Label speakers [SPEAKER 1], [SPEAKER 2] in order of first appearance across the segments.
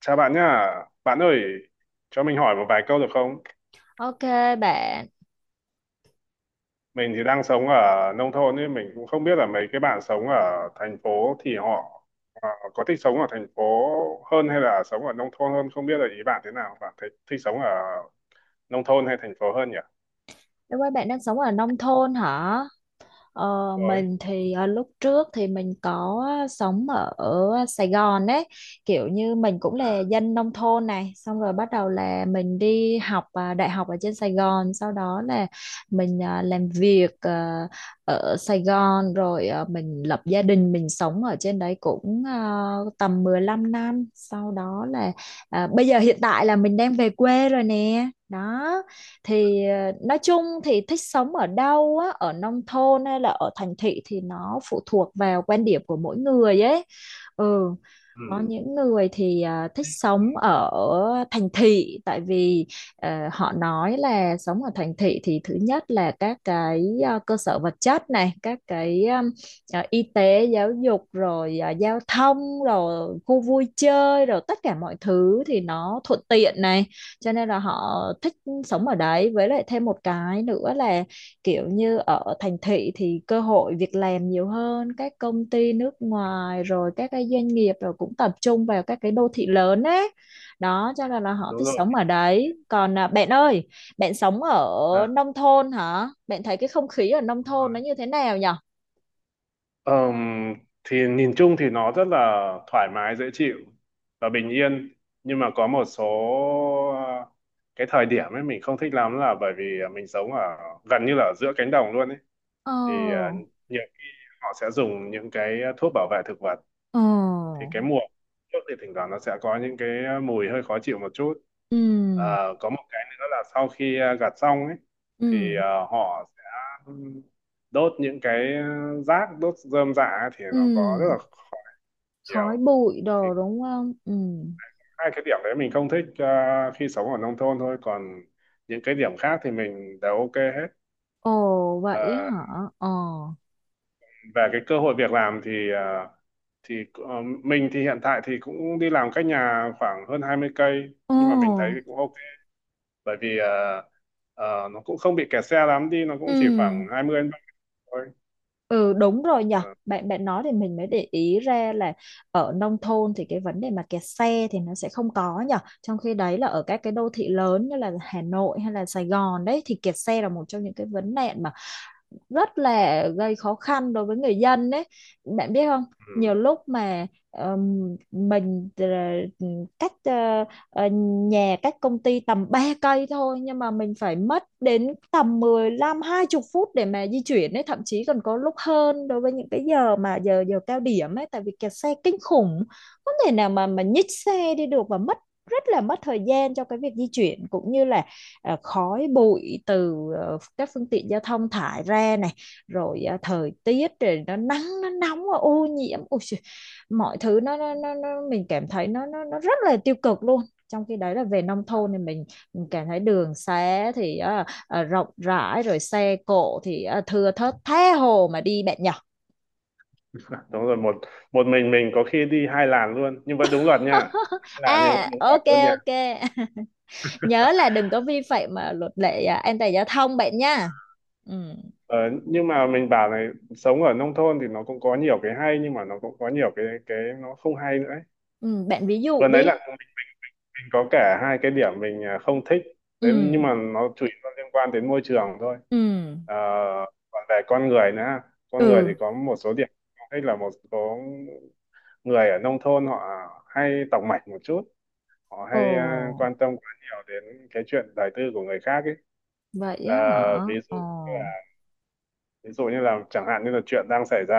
[SPEAKER 1] Chào bạn nhá. Bạn ơi, cho mình hỏi một vài câu được không?
[SPEAKER 2] Ok bạn,
[SPEAKER 1] Mình thì đang sống ở nông thôn nên mình cũng không biết là mấy cái bạn sống ở thành phố thì họ có thích sống ở thành phố hơn hay là sống ở nông thôn hơn, không biết là ý bạn thế nào. Bạn thấy thích sống ở nông thôn hay thành phố hơn nhỉ?
[SPEAKER 2] em ơi bạn đang sống ở nông thôn hả? Ờ,
[SPEAKER 1] Rồi.
[SPEAKER 2] mình thì lúc trước thì mình có sống ở Sài Gòn ấy, kiểu như mình cũng
[SPEAKER 1] À,
[SPEAKER 2] là dân nông thôn này, xong rồi bắt đầu là mình đi học đại học ở trên Sài Gòn, sau đó là mình làm việc ở Sài Gòn, rồi mình lập gia đình, mình sống ở trên đấy cũng tầm 15 năm, sau đó là bây giờ hiện tại là mình đang về quê rồi nè, đó. Thì nói chung thì thích sống ở đâu á, ở nông thôn hay là ở thành thị thì nó phụ thuộc vào quan điểm của mỗi người ấy. Ừ. Có
[SPEAKER 1] ừ,
[SPEAKER 2] những người thì thích sống ở thành thị tại vì họ nói là sống ở thành thị thì thứ nhất là các cái cơ sở vật chất này, các cái y tế giáo dục rồi giao thông rồi khu vui chơi rồi tất cả mọi thứ thì nó thuận tiện này, cho nên là họ thích sống ở đấy, với lại thêm một cái nữa là kiểu như ở thành thị thì cơ hội việc làm nhiều hơn, các công ty nước ngoài rồi các cái doanh nghiệp rồi cũng tập trung vào các cái đô thị lớn ấy, đó cho nên là họ thích
[SPEAKER 1] đúng rồi.
[SPEAKER 2] sống ở đấy. Còn bạn ơi, bạn sống ở
[SPEAKER 1] À,
[SPEAKER 2] nông thôn hả? Bạn thấy cái không khí ở nông thôn nó như thế nào nhở?
[SPEAKER 1] Ờm, thì nhìn chung thì nó rất là thoải mái dễ chịu và bình yên, nhưng mà có một số ờ, cái thời điểm ấy mình không thích lắm là bởi vì mình sống ở gần như là ở giữa cánh đồng luôn ấy,
[SPEAKER 2] Ờ.
[SPEAKER 1] thì nhiều khi họ sẽ dùng những cái thuốc bảo vệ thực vật
[SPEAKER 2] Ờ.
[SPEAKER 1] thì cái mùa trước thì thỉnh thoảng nó sẽ có những cái mùi hơi khó chịu một chút.
[SPEAKER 2] Ừ.
[SPEAKER 1] Ờ, có một cái nữa là sau khi gặt xong ấy thì
[SPEAKER 2] Ừ.
[SPEAKER 1] họ sẽ đốt những cái rác, đốt rơm rạ ấy, thì nó có rất là
[SPEAKER 2] Ừ.
[SPEAKER 1] khó
[SPEAKER 2] Khói
[SPEAKER 1] nhiều.
[SPEAKER 2] bụi
[SPEAKER 1] Thì
[SPEAKER 2] đồ đúng không? Ừ.
[SPEAKER 1] hai cái điểm đấy mình không thích khi sống ở nông thôn thôi, còn những cái điểm khác thì mình đều ok hết.
[SPEAKER 2] Ồ vậy á
[SPEAKER 1] Ờ,
[SPEAKER 2] hả? Ờ.
[SPEAKER 1] về cái cơ hội việc làm thì mình thì hiện tại thì cũng đi làm cách nhà khoảng hơn 20 cây,
[SPEAKER 2] Ồ.
[SPEAKER 1] nhưng mà mình thấy thì cũng ok, bởi vì nó cũng không bị kẹt xe lắm, đi nó cũng
[SPEAKER 2] Ừ.
[SPEAKER 1] chỉ khoảng 20 đến 30 thôi.
[SPEAKER 2] Ừ, đúng rồi nhở.
[SPEAKER 1] Ờ,
[SPEAKER 2] Bạn bạn nói thì mình mới để ý ra là ở nông thôn thì cái vấn đề mà kẹt xe thì nó sẽ không có nhở. Trong khi đấy là ở các cái đô thị lớn như là Hà Nội hay là Sài Gòn đấy thì kẹt xe là một trong những cái vấn nạn mà rất là gây khó khăn đối với người dân đấy, bạn biết không.
[SPEAKER 1] ừ.
[SPEAKER 2] Nhiều lúc mà mình cách ờ, ờ, nhà cách công ty tầm 3 cây thôi, nhưng mà mình phải mất đến tầm mười lăm hai 20 phút để mà di chuyển ấy, thậm chí còn có lúc hơn đối với những cái giờ mà giờ giờ cao điểm ấy, tại vì kẹt xe kinh khủng, không thể nào mà nhích xe đi được, và mất rất là mất thời gian cho cái việc di chuyển, cũng như là khói bụi từ các phương tiện giao thông thải ra này, rồi thời tiết rồi nó nắng nó nóng nó ô nhiễm. Ôi, mọi thứ nó mình cảm thấy nó rất là tiêu cực luôn. Trong khi đấy là về nông thôn thì mình cảm thấy đường xá thì rộng rãi, rồi xe cộ thì thưa thớt, tha hồ mà đi bạn nhỏ.
[SPEAKER 1] Đúng rồi, một một mình có khi đi hai làn luôn nhưng vẫn đúng luật nha. Hai làn nhưng
[SPEAKER 2] À,
[SPEAKER 1] vẫn đúng luật
[SPEAKER 2] ok.
[SPEAKER 1] luôn nha.
[SPEAKER 2] Ok. Nhớ là đừng có vi phạm mà luật lệ à, an toàn giao thông bạn nha. Ừ.
[SPEAKER 1] Ờ, nhưng mà mình bảo này, sống ở nông thôn thì nó cũng có nhiều cái hay, nhưng mà nó cũng có nhiều cái nó không hay nữa ấy.
[SPEAKER 2] Ừ, bạn ví dụ
[SPEAKER 1] Vừa nãy là
[SPEAKER 2] đi.
[SPEAKER 1] có cả hai cái điểm mình không thích đấy, nhưng
[SPEAKER 2] Ừ.
[SPEAKER 1] mà nó chủ yếu là liên quan đến môi trường thôi.
[SPEAKER 2] Ừ.
[SPEAKER 1] Ờ, còn về con người nữa, con người thì
[SPEAKER 2] Ừ.
[SPEAKER 1] có một số điểm không thích là một số người ở nông thôn họ hay tòng mạch một chút, họ
[SPEAKER 2] Ồ,
[SPEAKER 1] hay quan tâm quá nhiều đến cái chuyện đời tư của người khác ấy.
[SPEAKER 2] vậy
[SPEAKER 1] Ờ,
[SPEAKER 2] á hả?
[SPEAKER 1] ví dụ
[SPEAKER 2] Ồ.
[SPEAKER 1] ví dụ như là chẳng hạn như là chuyện đang xảy ra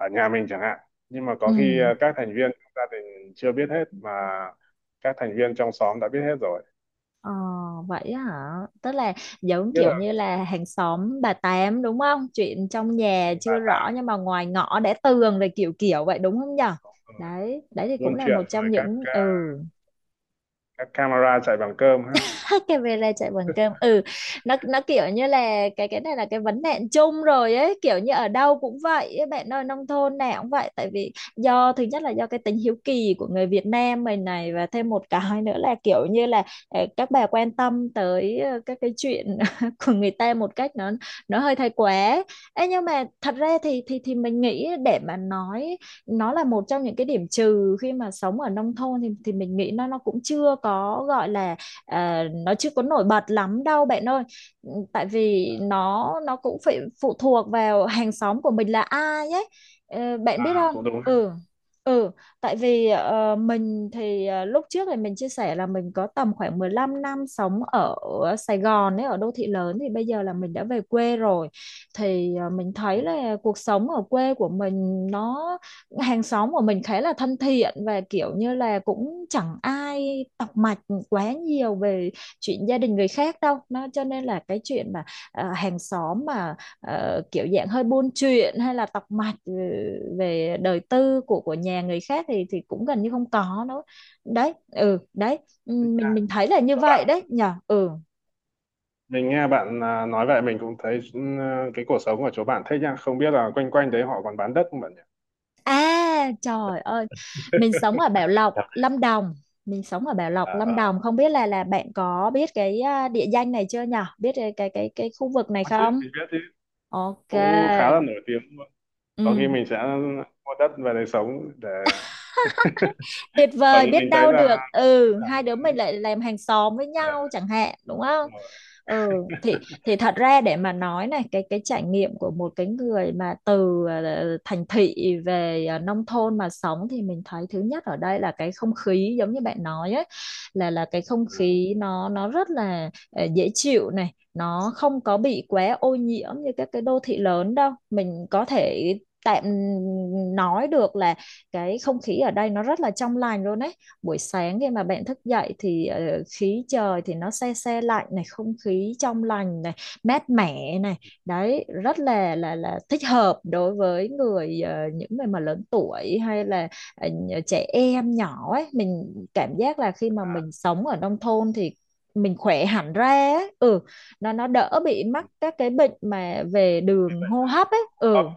[SPEAKER 1] ở nhà mình chẳng hạn, nhưng mà
[SPEAKER 2] Ừ.
[SPEAKER 1] có khi các thành viên trong gia đình chưa biết hết mà các thành viên trong xóm đã biết hết rồi,
[SPEAKER 2] ờ, Vậy á hả? Tức là giống
[SPEAKER 1] biết
[SPEAKER 2] kiểu
[SPEAKER 1] là
[SPEAKER 2] như là hàng xóm bà Tám đúng không? Chuyện trong nhà
[SPEAKER 1] bà
[SPEAKER 2] chưa
[SPEAKER 1] tám
[SPEAKER 2] rõ nhưng mà ngoài ngõ đã tường rồi, kiểu kiểu vậy đúng không nhở?
[SPEAKER 1] rồi,
[SPEAKER 2] Đấy, đấy thì cũng
[SPEAKER 1] buôn
[SPEAKER 2] là
[SPEAKER 1] chuyện
[SPEAKER 2] một
[SPEAKER 1] rồi,
[SPEAKER 2] trong những, ừ,
[SPEAKER 1] các camera chạy bằng cơm ha.
[SPEAKER 2] cái về là chạy bằng cơm. Ừ. Nó kiểu như là cái này là cái vấn nạn chung rồi ấy, kiểu như ở đâu cũng vậy ấy, bạn ơi, nông thôn nào cũng vậy, tại vì do thứ nhất là do cái tính hiếu kỳ của người Việt Nam mình này, và thêm một cái nữa là kiểu như là các bà quan tâm tới các cái chuyện của người ta một cách nó hơi thái quá. Ê, nhưng mà thật ra thì mình nghĩ để mà nói nó là một trong những cái điểm trừ khi mà sống ở nông thôn, thì mình nghĩ nó cũng chưa có gọi là, ờ, nó chưa có nổi bật lắm đâu bạn ơi. Ừ, tại vì nó cũng phải phụ thuộc vào hàng xóm của mình là ai ấy. Ờ, bạn biết
[SPEAKER 1] À,
[SPEAKER 2] không.
[SPEAKER 1] cũng đúng ha,
[SPEAKER 2] Ừ. Ừ. Tại vì mình thì lúc trước thì mình chia sẻ là mình có tầm khoảng 15 năm sống ở Sài Gòn ấy, ở đô thị lớn, thì bây giờ là mình đã về quê rồi, thì mình
[SPEAKER 1] cũng
[SPEAKER 2] thấy
[SPEAKER 1] đúng
[SPEAKER 2] là cuộc sống ở quê của mình nó, hàng xóm của mình khá là thân thiện và kiểu như là cũng chẳng ai tọc mạch quá nhiều về chuyện gia đình người khác đâu, nó cho nên là cái chuyện mà hàng xóm mà kiểu dạng hơi buôn chuyện hay là tọc mạch, ừ, về đời tư của nhà người khác thì cũng gần như không có nữa đấy. Ừ, đấy. Ừ,
[SPEAKER 1] ha.
[SPEAKER 2] mình thấy là như
[SPEAKER 1] Chỗ
[SPEAKER 2] vậy
[SPEAKER 1] bạn,
[SPEAKER 2] đấy nhở. Ừ.
[SPEAKER 1] mình nghe bạn nói vậy mình cũng thấy cái cuộc sống của chỗ bạn thích nha, không biết là quanh quanh đấy họ còn bán đất không bạn nhỉ?
[SPEAKER 2] À trời ơi, mình sống ở Bảo Lộc
[SPEAKER 1] Dạ.
[SPEAKER 2] Lâm Đồng mình sống ở Bảo
[SPEAKER 1] À,
[SPEAKER 2] Lộc Lâm
[SPEAKER 1] ờ.
[SPEAKER 2] Đồng, không biết là bạn có biết cái địa danh này chưa nhở, biết cái, khu vực này
[SPEAKER 1] Có chứ,
[SPEAKER 2] không?
[SPEAKER 1] mình biết chứ,
[SPEAKER 2] Ok.
[SPEAKER 1] cũng khá là nổi tiếng luôn. Có khi
[SPEAKER 2] Ừ.
[SPEAKER 1] mình sẽ mua đất về để sống để
[SPEAKER 2] Tuyệt
[SPEAKER 1] bởi
[SPEAKER 2] vời,
[SPEAKER 1] vì
[SPEAKER 2] biết
[SPEAKER 1] mình thấy
[SPEAKER 2] đau
[SPEAKER 1] là
[SPEAKER 2] được,
[SPEAKER 1] các
[SPEAKER 2] ừ,
[SPEAKER 1] bạn
[SPEAKER 2] hai
[SPEAKER 1] rất
[SPEAKER 2] đứa
[SPEAKER 1] là
[SPEAKER 2] mình
[SPEAKER 1] thích.
[SPEAKER 2] lại làm hàng xóm với
[SPEAKER 1] Ờ,
[SPEAKER 2] nhau chẳng hạn đúng không.
[SPEAKER 1] đúng rồi.
[SPEAKER 2] Ừ, thì thật ra để mà nói này, cái trải nghiệm của một cái người mà từ thành thị về nông thôn mà sống thì mình thấy thứ nhất ở đây là cái không khí giống như bạn nói ấy, là cái không
[SPEAKER 1] Ừ.
[SPEAKER 2] khí nó rất là dễ chịu này, nó không có bị quá ô nhiễm như các cái đô thị lớn đâu, mình có thể tạm nói được là cái không khí ở đây nó rất là trong lành luôn ấy. Buổi sáng khi mà bạn thức dậy thì khí trời thì nó se se lạnh này, không khí trong lành này, mát mẻ này, đấy rất là thích hợp đối với người những người mà lớn tuổi hay là trẻ em nhỏ ấy, mình cảm giác là khi mà
[SPEAKER 1] À,
[SPEAKER 2] mình sống ở nông thôn thì mình khỏe hẳn ra ấy. Ừ. Nó đỡ bị mắc các cái bệnh mà về
[SPEAKER 1] thế
[SPEAKER 2] đường
[SPEAKER 1] vậy.
[SPEAKER 2] hô hấp ấy.
[SPEAKER 1] Ờ,
[SPEAKER 2] Ừ,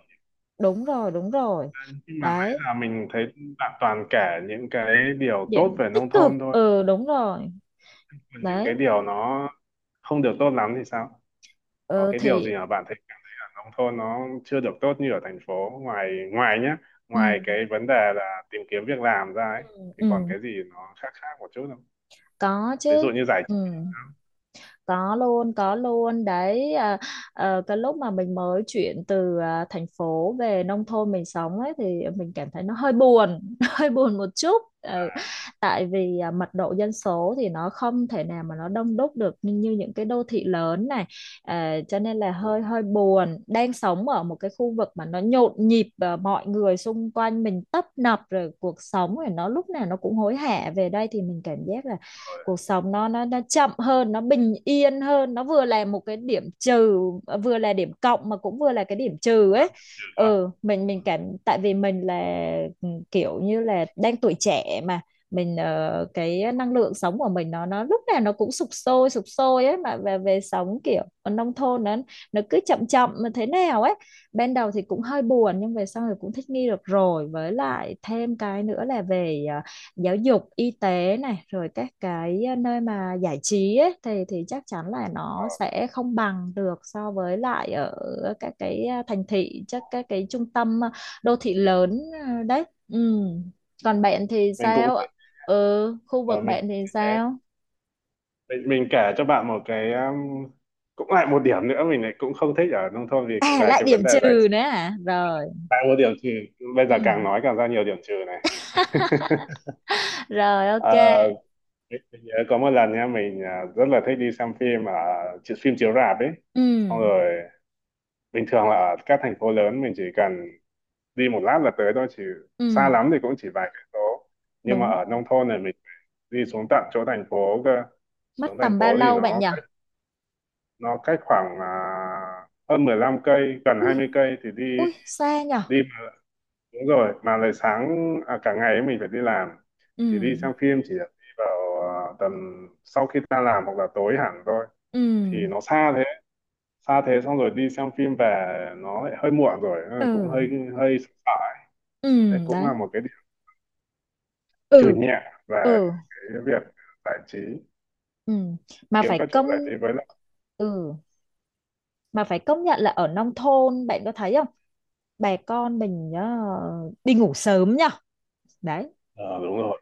[SPEAKER 2] đúng rồi
[SPEAKER 1] nhưng mà nãy
[SPEAKER 2] đấy,
[SPEAKER 1] giờ mình thấy bạn toàn kể những cái điều tốt
[SPEAKER 2] điểm
[SPEAKER 1] về
[SPEAKER 2] tích
[SPEAKER 1] nông
[SPEAKER 2] cực,
[SPEAKER 1] thôn thôi,
[SPEAKER 2] ừ, đúng rồi
[SPEAKER 1] còn những cái
[SPEAKER 2] đấy.
[SPEAKER 1] điều nó không được tốt lắm thì sao? Có
[SPEAKER 2] Ờ,
[SPEAKER 1] cái điều
[SPEAKER 2] thì,
[SPEAKER 1] gì mà bạn thấy cả nông thôn nó chưa được tốt như ở thành phố ngoài ngoài nhá, ngoài cái
[SPEAKER 2] ừ.
[SPEAKER 1] vấn đề là tìm kiếm việc làm ra ấy, thì còn
[SPEAKER 2] Ừ,
[SPEAKER 1] cái gì nó khác khác một chút không?
[SPEAKER 2] có
[SPEAKER 1] Ví dụ
[SPEAKER 2] chứ.
[SPEAKER 1] như giải
[SPEAKER 2] Ừ.
[SPEAKER 1] trí.
[SPEAKER 2] Có luôn, có luôn đấy. Cái lúc mà mình mới chuyển từ thành phố về nông thôn mình sống ấy thì mình cảm thấy nó hơi buồn, hơi buồn một chút. Ừ, tại vì mật độ dân số thì nó không thể nào mà nó đông đúc được như, như những cái đô thị lớn này. À, cho nên là
[SPEAKER 1] Ừ,
[SPEAKER 2] hơi hơi buồn, đang sống ở một cái khu vực mà nó nhộn nhịp và mọi người xung quanh mình tấp nập rồi cuộc sống rồi nó lúc nào nó cũng hối hả, về đây thì mình cảm giác là
[SPEAKER 1] rồi
[SPEAKER 2] cuộc sống nó chậm hơn, nó bình yên hơn, nó vừa là một cái điểm trừ, vừa là điểm cộng mà cũng vừa là cái điểm trừ ấy.
[SPEAKER 1] trừ thôi.
[SPEAKER 2] Ừ, mình
[SPEAKER 1] Ừ.
[SPEAKER 2] mình cảm, tại vì mình là, ừ, kiểu như là đang tuổi trẻ mà mình, cái năng lượng sống của mình nó lúc nào nó cũng sục sôi ấy, mà về về sống kiểu ở nông thôn nó cứ chậm chậm mà thế nào ấy, ban đầu thì cũng hơi buồn nhưng về sau thì cũng thích nghi được rồi, với lại thêm cái nữa là về giáo dục y tế này rồi các cái nơi mà giải trí ấy, thì chắc chắn là nó sẽ không bằng được so với lại ở các cái thành thị, chắc các cái trung tâm đô thị lớn đấy. Ừ. Còn bạn thì
[SPEAKER 1] Mình cũng
[SPEAKER 2] sao
[SPEAKER 1] thế,
[SPEAKER 2] ạ? Ừ, khu
[SPEAKER 1] ờ,
[SPEAKER 2] vực
[SPEAKER 1] mình
[SPEAKER 2] bạn
[SPEAKER 1] cũng
[SPEAKER 2] thì
[SPEAKER 1] như thế.
[SPEAKER 2] sao?
[SPEAKER 1] Mình kể cho bạn một cái, cũng lại một điểm nữa mình lại cũng không thích ở nông thôn vì
[SPEAKER 2] À,
[SPEAKER 1] về
[SPEAKER 2] lại
[SPEAKER 1] cái
[SPEAKER 2] điểm
[SPEAKER 1] vấn đề giải.
[SPEAKER 2] trừ nữa à, rồi.
[SPEAKER 1] Đã có điểm trừ, bây
[SPEAKER 2] Ừ.
[SPEAKER 1] giờ càng nói càng ra nhiều điểm trừ này.
[SPEAKER 2] Rồi ok.
[SPEAKER 1] Ờ, mình nhớ có một lần nha, mình rất là thích đi xem phim ở phim chiếu rạp ấy,
[SPEAKER 2] Ừ.
[SPEAKER 1] xong rồi bình thường là ở các thành phố lớn mình chỉ cần đi một lát là tới thôi, chỉ xa
[SPEAKER 2] Ừ,
[SPEAKER 1] lắm thì cũng chỉ vài cây số, nhưng mà
[SPEAKER 2] đúng
[SPEAKER 1] ở
[SPEAKER 2] rồi.
[SPEAKER 1] nông thôn này mình đi xuống tận chỗ thành phố cơ. Xuống
[SPEAKER 2] Mất
[SPEAKER 1] thành
[SPEAKER 2] tầm bao
[SPEAKER 1] phố thì
[SPEAKER 2] lâu bạn
[SPEAKER 1] nó
[SPEAKER 2] nhỉ?
[SPEAKER 1] cách nó cách khoảng hơn 15 cây, gần
[SPEAKER 2] Ui.
[SPEAKER 1] 20 cây thì đi
[SPEAKER 2] Ui xa nhỉ.
[SPEAKER 1] đi Đúng rồi, mà lại sáng cả ngày ấy mình phải đi làm,
[SPEAKER 2] Ừ.
[SPEAKER 1] thì đi xem phim chỉ được đi vào tầm sau khi ta làm hoặc là tối hẳn thôi,
[SPEAKER 2] Ừ.
[SPEAKER 1] thì nó xa thế, xa thế xong rồi đi xem phim về nó lại hơi muộn rồi nên là cũng
[SPEAKER 2] Ừ.
[SPEAKER 1] hơi hơi sợ sợ. Thế cũng là
[SPEAKER 2] Đấy.
[SPEAKER 1] một cái điểm trừ
[SPEAKER 2] Ừ.
[SPEAKER 1] nhẹ về
[SPEAKER 2] Ừ.
[SPEAKER 1] cái việc giải trí,
[SPEAKER 2] Ừm, mà
[SPEAKER 1] kiếm
[SPEAKER 2] phải
[SPEAKER 1] các chỗ giải trí
[SPEAKER 2] công,
[SPEAKER 1] với lại.
[SPEAKER 2] ừ, mà phải công nhận là ở nông thôn bạn có thấy không? Bà con mình nhá, đi ngủ sớm nhá. Đấy.
[SPEAKER 1] Ờ, Đúng rồi,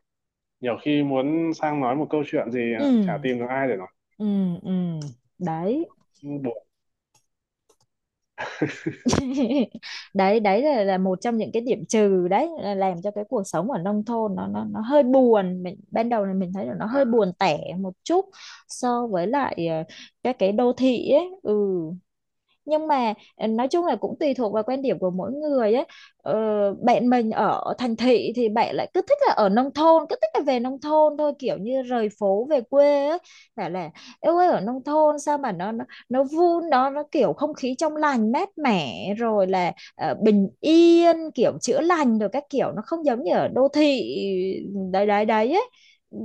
[SPEAKER 1] nhiều khi muốn sang nói một câu chuyện gì chả
[SPEAKER 2] Ừm.
[SPEAKER 1] tìm được ai để nói,
[SPEAKER 2] Ừm. Ừm. Đấy.
[SPEAKER 1] buồn.
[SPEAKER 2] Đấy, đấy là một trong những cái điểm trừ đấy, là làm cho cái cuộc sống ở nông thôn nó hơi buồn. Mình ban đầu là mình thấy là nó
[SPEAKER 1] À,
[SPEAKER 2] hơi buồn tẻ một chút so với lại các cái đô thị ấy. Ừ. Nhưng mà nói chung là cũng tùy thuộc vào quan điểm của mỗi người ấy. ờ, Bạn mình ở thành thị thì bạn lại cứ thích là ở nông thôn, cứ thích là về nông thôn thôi, kiểu như rời phố về quê ấy, bảo là yêu ơi ở nông thôn sao mà nó vun nó kiểu không khí trong lành mát mẻ, rồi là bình yên kiểu chữa lành rồi các kiểu, nó không giống như ở đô thị. Đấy đấy đấy ấy. Ừ,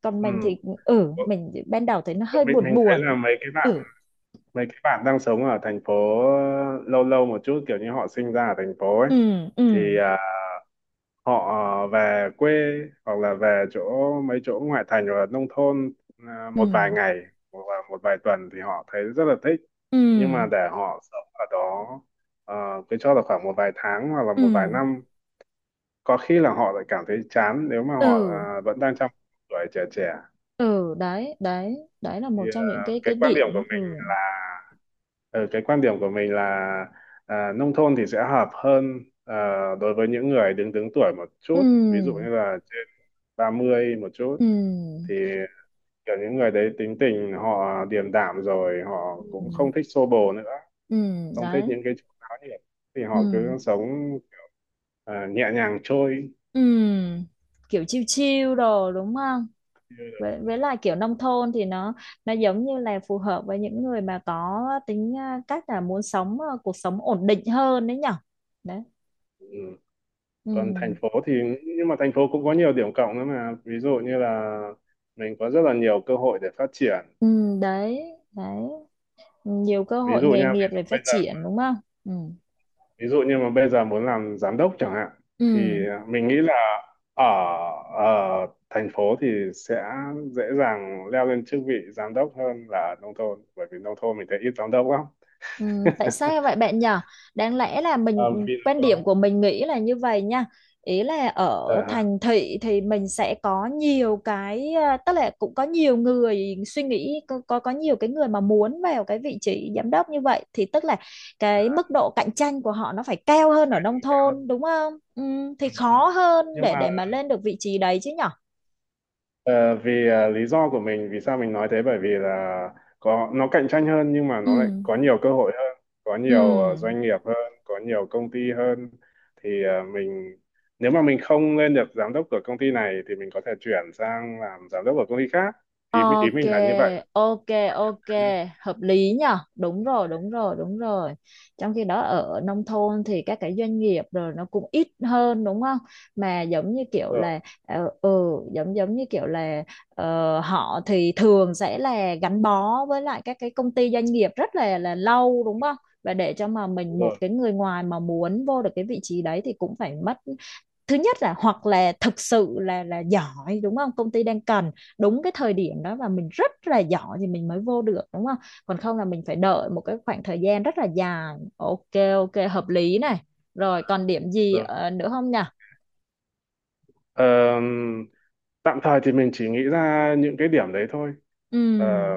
[SPEAKER 2] còn mình thì
[SPEAKER 1] ừ.
[SPEAKER 2] ừ, mình ban đầu thấy nó hơi
[SPEAKER 1] mình
[SPEAKER 2] buồn
[SPEAKER 1] mình
[SPEAKER 2] buồn
[SPEAKER 1] thấy là
[SPEAKER 2] ấy.
[SPEAKER 1] mấy cái bạn
[SPEAKER 2] Ừ.
[SPEAKER 1] mấy cái bạn đang sống ở thành phố lâu lâu một chút kiểu như họ sinh ra ở thành phố ấy,
[SPEAKER 2] Ừ ừ
[SPEAKER 1] thì họ về quê hoặc là về chỗ mấy chỗ ngoại thành hoặc là nông thôn
[SPEAKER 2] ừ
[SPEAKER 1] một vài ngày hoặc là một vài tuần thì họ thấy rất là thích, nhưng
[SPEAKER 2] ừ
[SPEAKER 1] mà để họ sống ở đó cứ cho là khoảng một vài tháng hoặc là một vài
[SPEAKER 2] ừ
[SPEAKER 1] năm có khi là họ lại cảm thấy chán nếu mà họ
[SPEAKER 2] ừ
[SPEAKER 1] vẫn đang trong tuổi trẻ trẻ.
[SPEAKER 2] ừ. Đấy đấy đấy là
[SPEAKER 1] Thì
[SPEAKER 2] một trong những cái
[SPEAKER 1] cái quan điểm
[SPEAKER 2] điểm.
[SPEAKER 1] của
[SPEAKER 2] Ừ
[SPEAKER 1] mình là, cái quan điểm của mình là nông thôn thì sẽ hợp hơn đối với những người đứng đứng tuổi một chút, ví dụ như
[SPEAKER 2] ừ
[SPEAKER 1] là trên 30 một chút,
[SPEAKER 2] ừ
[SPEAKER 1] thì kiểu những người đấy tính tình họ điềm đạm rồi, họ
[SPEAKER 2] ừ
[SPEAKER 1] cũng không thích xô bồ nữa,
[SPEAKER 2] ừ.
[SPEAKER 1] không thích
[SPEAKER 2] Đấy.
[SPEAKER 1] những cái chuyện náo nhiệt thì
[SPEAKER 2] Ừ
[SPEAKER 1] họ cứ sống nhẹ nhàng trôi.
[SPEAKER 2] ừ. Kiểu chiêu chiêu đồ đúng không, với lại kiểu nông thôn thì nó giống như là phù hợp với những người mà có tính à, cách là muốn sống à, cuộc sống ổn định hơn đấy nhở. Đấy.
[SPEAKER 1] Ừ.
[SPEAKER 2] Ừ
[SPEAKER 1] Còn thành phố thì, nhưng mà thành phố cũng có nhiều điểm cộng nữa mà, ví dụ như là mình có rất là nhiều cơ hội để phát triển.
[SPEAKER 2] ừ. Đấy đấy, nhiều cơ
[SPEAKER 1] Ví
[SPEAKER 2] hội
[SPEAKER 1] dụ
[SPEAKER 2] nghề
[SPEAKER 1] nha, ví
[SPEAKER 2] nghiệp
[SPEAKER 1] dụ
[SPEAKER 2] để
[SPEAKER 1] bây
[SPEAKER 2] phát
[SPEAKER 1] giờ,
[SPEAKER 2] triển đúng không. Ừ
[SPEAKER 1] ví dụ như mà bây giờ muốn làm giám đốc chẳng hạn thì
[SPEAKER 2] ừ.
[SPEAKER 1] mình nghĩ là ở ở thành phố thì sẽ dễ dàng leo lên chức vị giám đốc hơn là ở nông thôn, bởi vì nông thôn mình thấy ít giám đốc lắm.
[SPEAKER 2] Ừ, tại sao vậy bạn nhở? Đáng lẽ là
[SPEAKER 1] Ờ,
[SPEAKER 2] mình,
[SPEAKER 1] Vì nó
[SPEAKER 2] quan
[SPEAKER 1] có,
[SPEAKER 2] điểm của mình nghĩ là như vậy nha. Ý là ở
[SPEAKER 1] ờ, ha,
[SPEAKER 2] thành thị thì mình sẽ có nhiều cái à, tức là cũng có nhiều người suy nghĩ có nhiều cái người mà muốn vào cái vị trí giám đốc như vậy, thì tức là cái mức độ cạnh tranh của họ nó phải cao hơn ở nông
[SPEAKER 1] cao
[SPEAKER 2] thôn
[SPEAKER 1] hơn.
[SPEAKER 2] đúng không? Ừ, thì
[SPEAKER 1] Ừ, ừ.
[SPEAKER 2] khó hơn
[SPEAKER 1] Nhưng
[SPEAKER 2] để
[SPEAKER 1] mà
[SPEAKER 2] để mà lên được vị trí đấy chứ nhở?
[SPEAKER 1] Lý do của mình vì sao mình nói thế bởi vì là có nó cạnh tranh hơn nhưng mà nó lại
[SPEAKER 2] Ừ.
[SPEAKER 1] có nhiều cơ hội hơn, có
[SPEAKER 2] Ừ.
[SPEAKER 1] nhiều doanh nghiệp hơn, có nhiều công ty hơn, thì mình nếu mà mình không lên được giám đốc của công ty này thì mình có thể chuyển sang làm giám đốc của công ty khác, ý ý
[SPEAKER 2] Ok,
[SPEAKER 1] mình là như vậy.
[SPEAKER 2] ok, ok, hợp lý nhở? Đúng rồi, đúng rồi, đúng rồi. Trong khi đó ở nông thôn thì các cái doanh nghiệp rồi nó cũng ít hơn đúng không? Mà giống như
[SPEAKER 1] Đúng
[SPEAKER 2] kiểu
[SPEAKER 1] rồi,
[SPEAKER 2] là ừ, giống giống như kiểu là họ thì thường sẽ là gắn bó với lại các cái công ty doanh nghiệp rất là lâu đúng không? Và để cho mà
[SPEAKER 1] đúng
[SPEAKER 2] mình, một
[SPEAKER 1] rồi,
[SPEAKER 2] cái người ngoài mà muốn vô được cái vị trí đấy thì cũng phải mất, thứ nhất là hoặc là thực sự là giỏi đúng không, công ty đang cần đúng cái thời điểm đó và mình rất là giỏi thì mình mới vô được đúng không, còn không là mình phải đợi một cái khoảng thời gian rất là dài. Ok, ok, hợp lý này. Rồi còn điểm gì
[SPEAKER 1] đúng rồi.
[SPEAKER 2] nữa không nhỉ.
[SPEAKER 1] Ờ, tạm thời thì mình chỉ nghĩ ra những cái điểm đấy thôi. Ờ,
[SPEAKER 2] Ừm,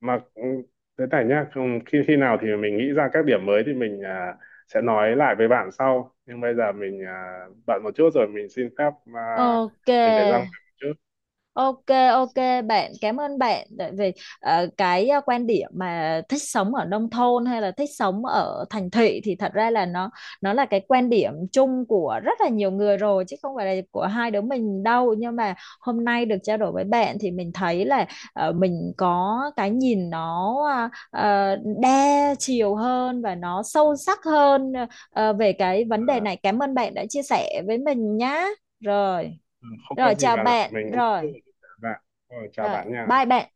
[SPEAKER 1] mà thế này nhá, khi khi nào thì mình nghĩ ra các điểm mới thì mình sẽ nói lại với bạn sau, nhưng bây giờ mình bận một chút rồi, mình xin phép à,
[SPEAKER 2] ok.
[SPEAKER 1] mình phải ra ngoài một chút.
[SPEAKER 2] Ok, ok, bạn, cảm ơn bạn tại vì cái quan điểm mà thích sống ở nông thôn hay là thích sống ở thành thị thì thật ra là nó là cái quan điểm chung của rất là nhiều người rồi chứ không phải là của hai đứa mình đâu, nhưng mà hôm nay được trao đổi với bạn thì mình thấy là mình có cái nhìn nó ờ, đa chiều hơn và nó sâu sắc hơn về cái vấn đề
[SPEAKER 1] À,
[SPEAKER 2] này. Cảm ơn bạn đã chia sẻ với mình nhá. Rồi.
[SPEAKER 1] ừ, không có
[SPEAKER 2] Rồi
[SPEAKER 1] gì
[SPEAKER 2] chào
[SPEAKER 1] bạn ạ,
[SPEAKER 2] bạn.
[SPEAKER 1] mình cũng
[SPEAKER 2] Rồi
[SPEAKER 1] chào bạn. Rồi, chào
[SPEAKER 2] rồi,
[SPEAKER 1] bạn
[SPEAKER 2] bye
[SPEAKER 1] nha.
[SPEAKER 2] bạn.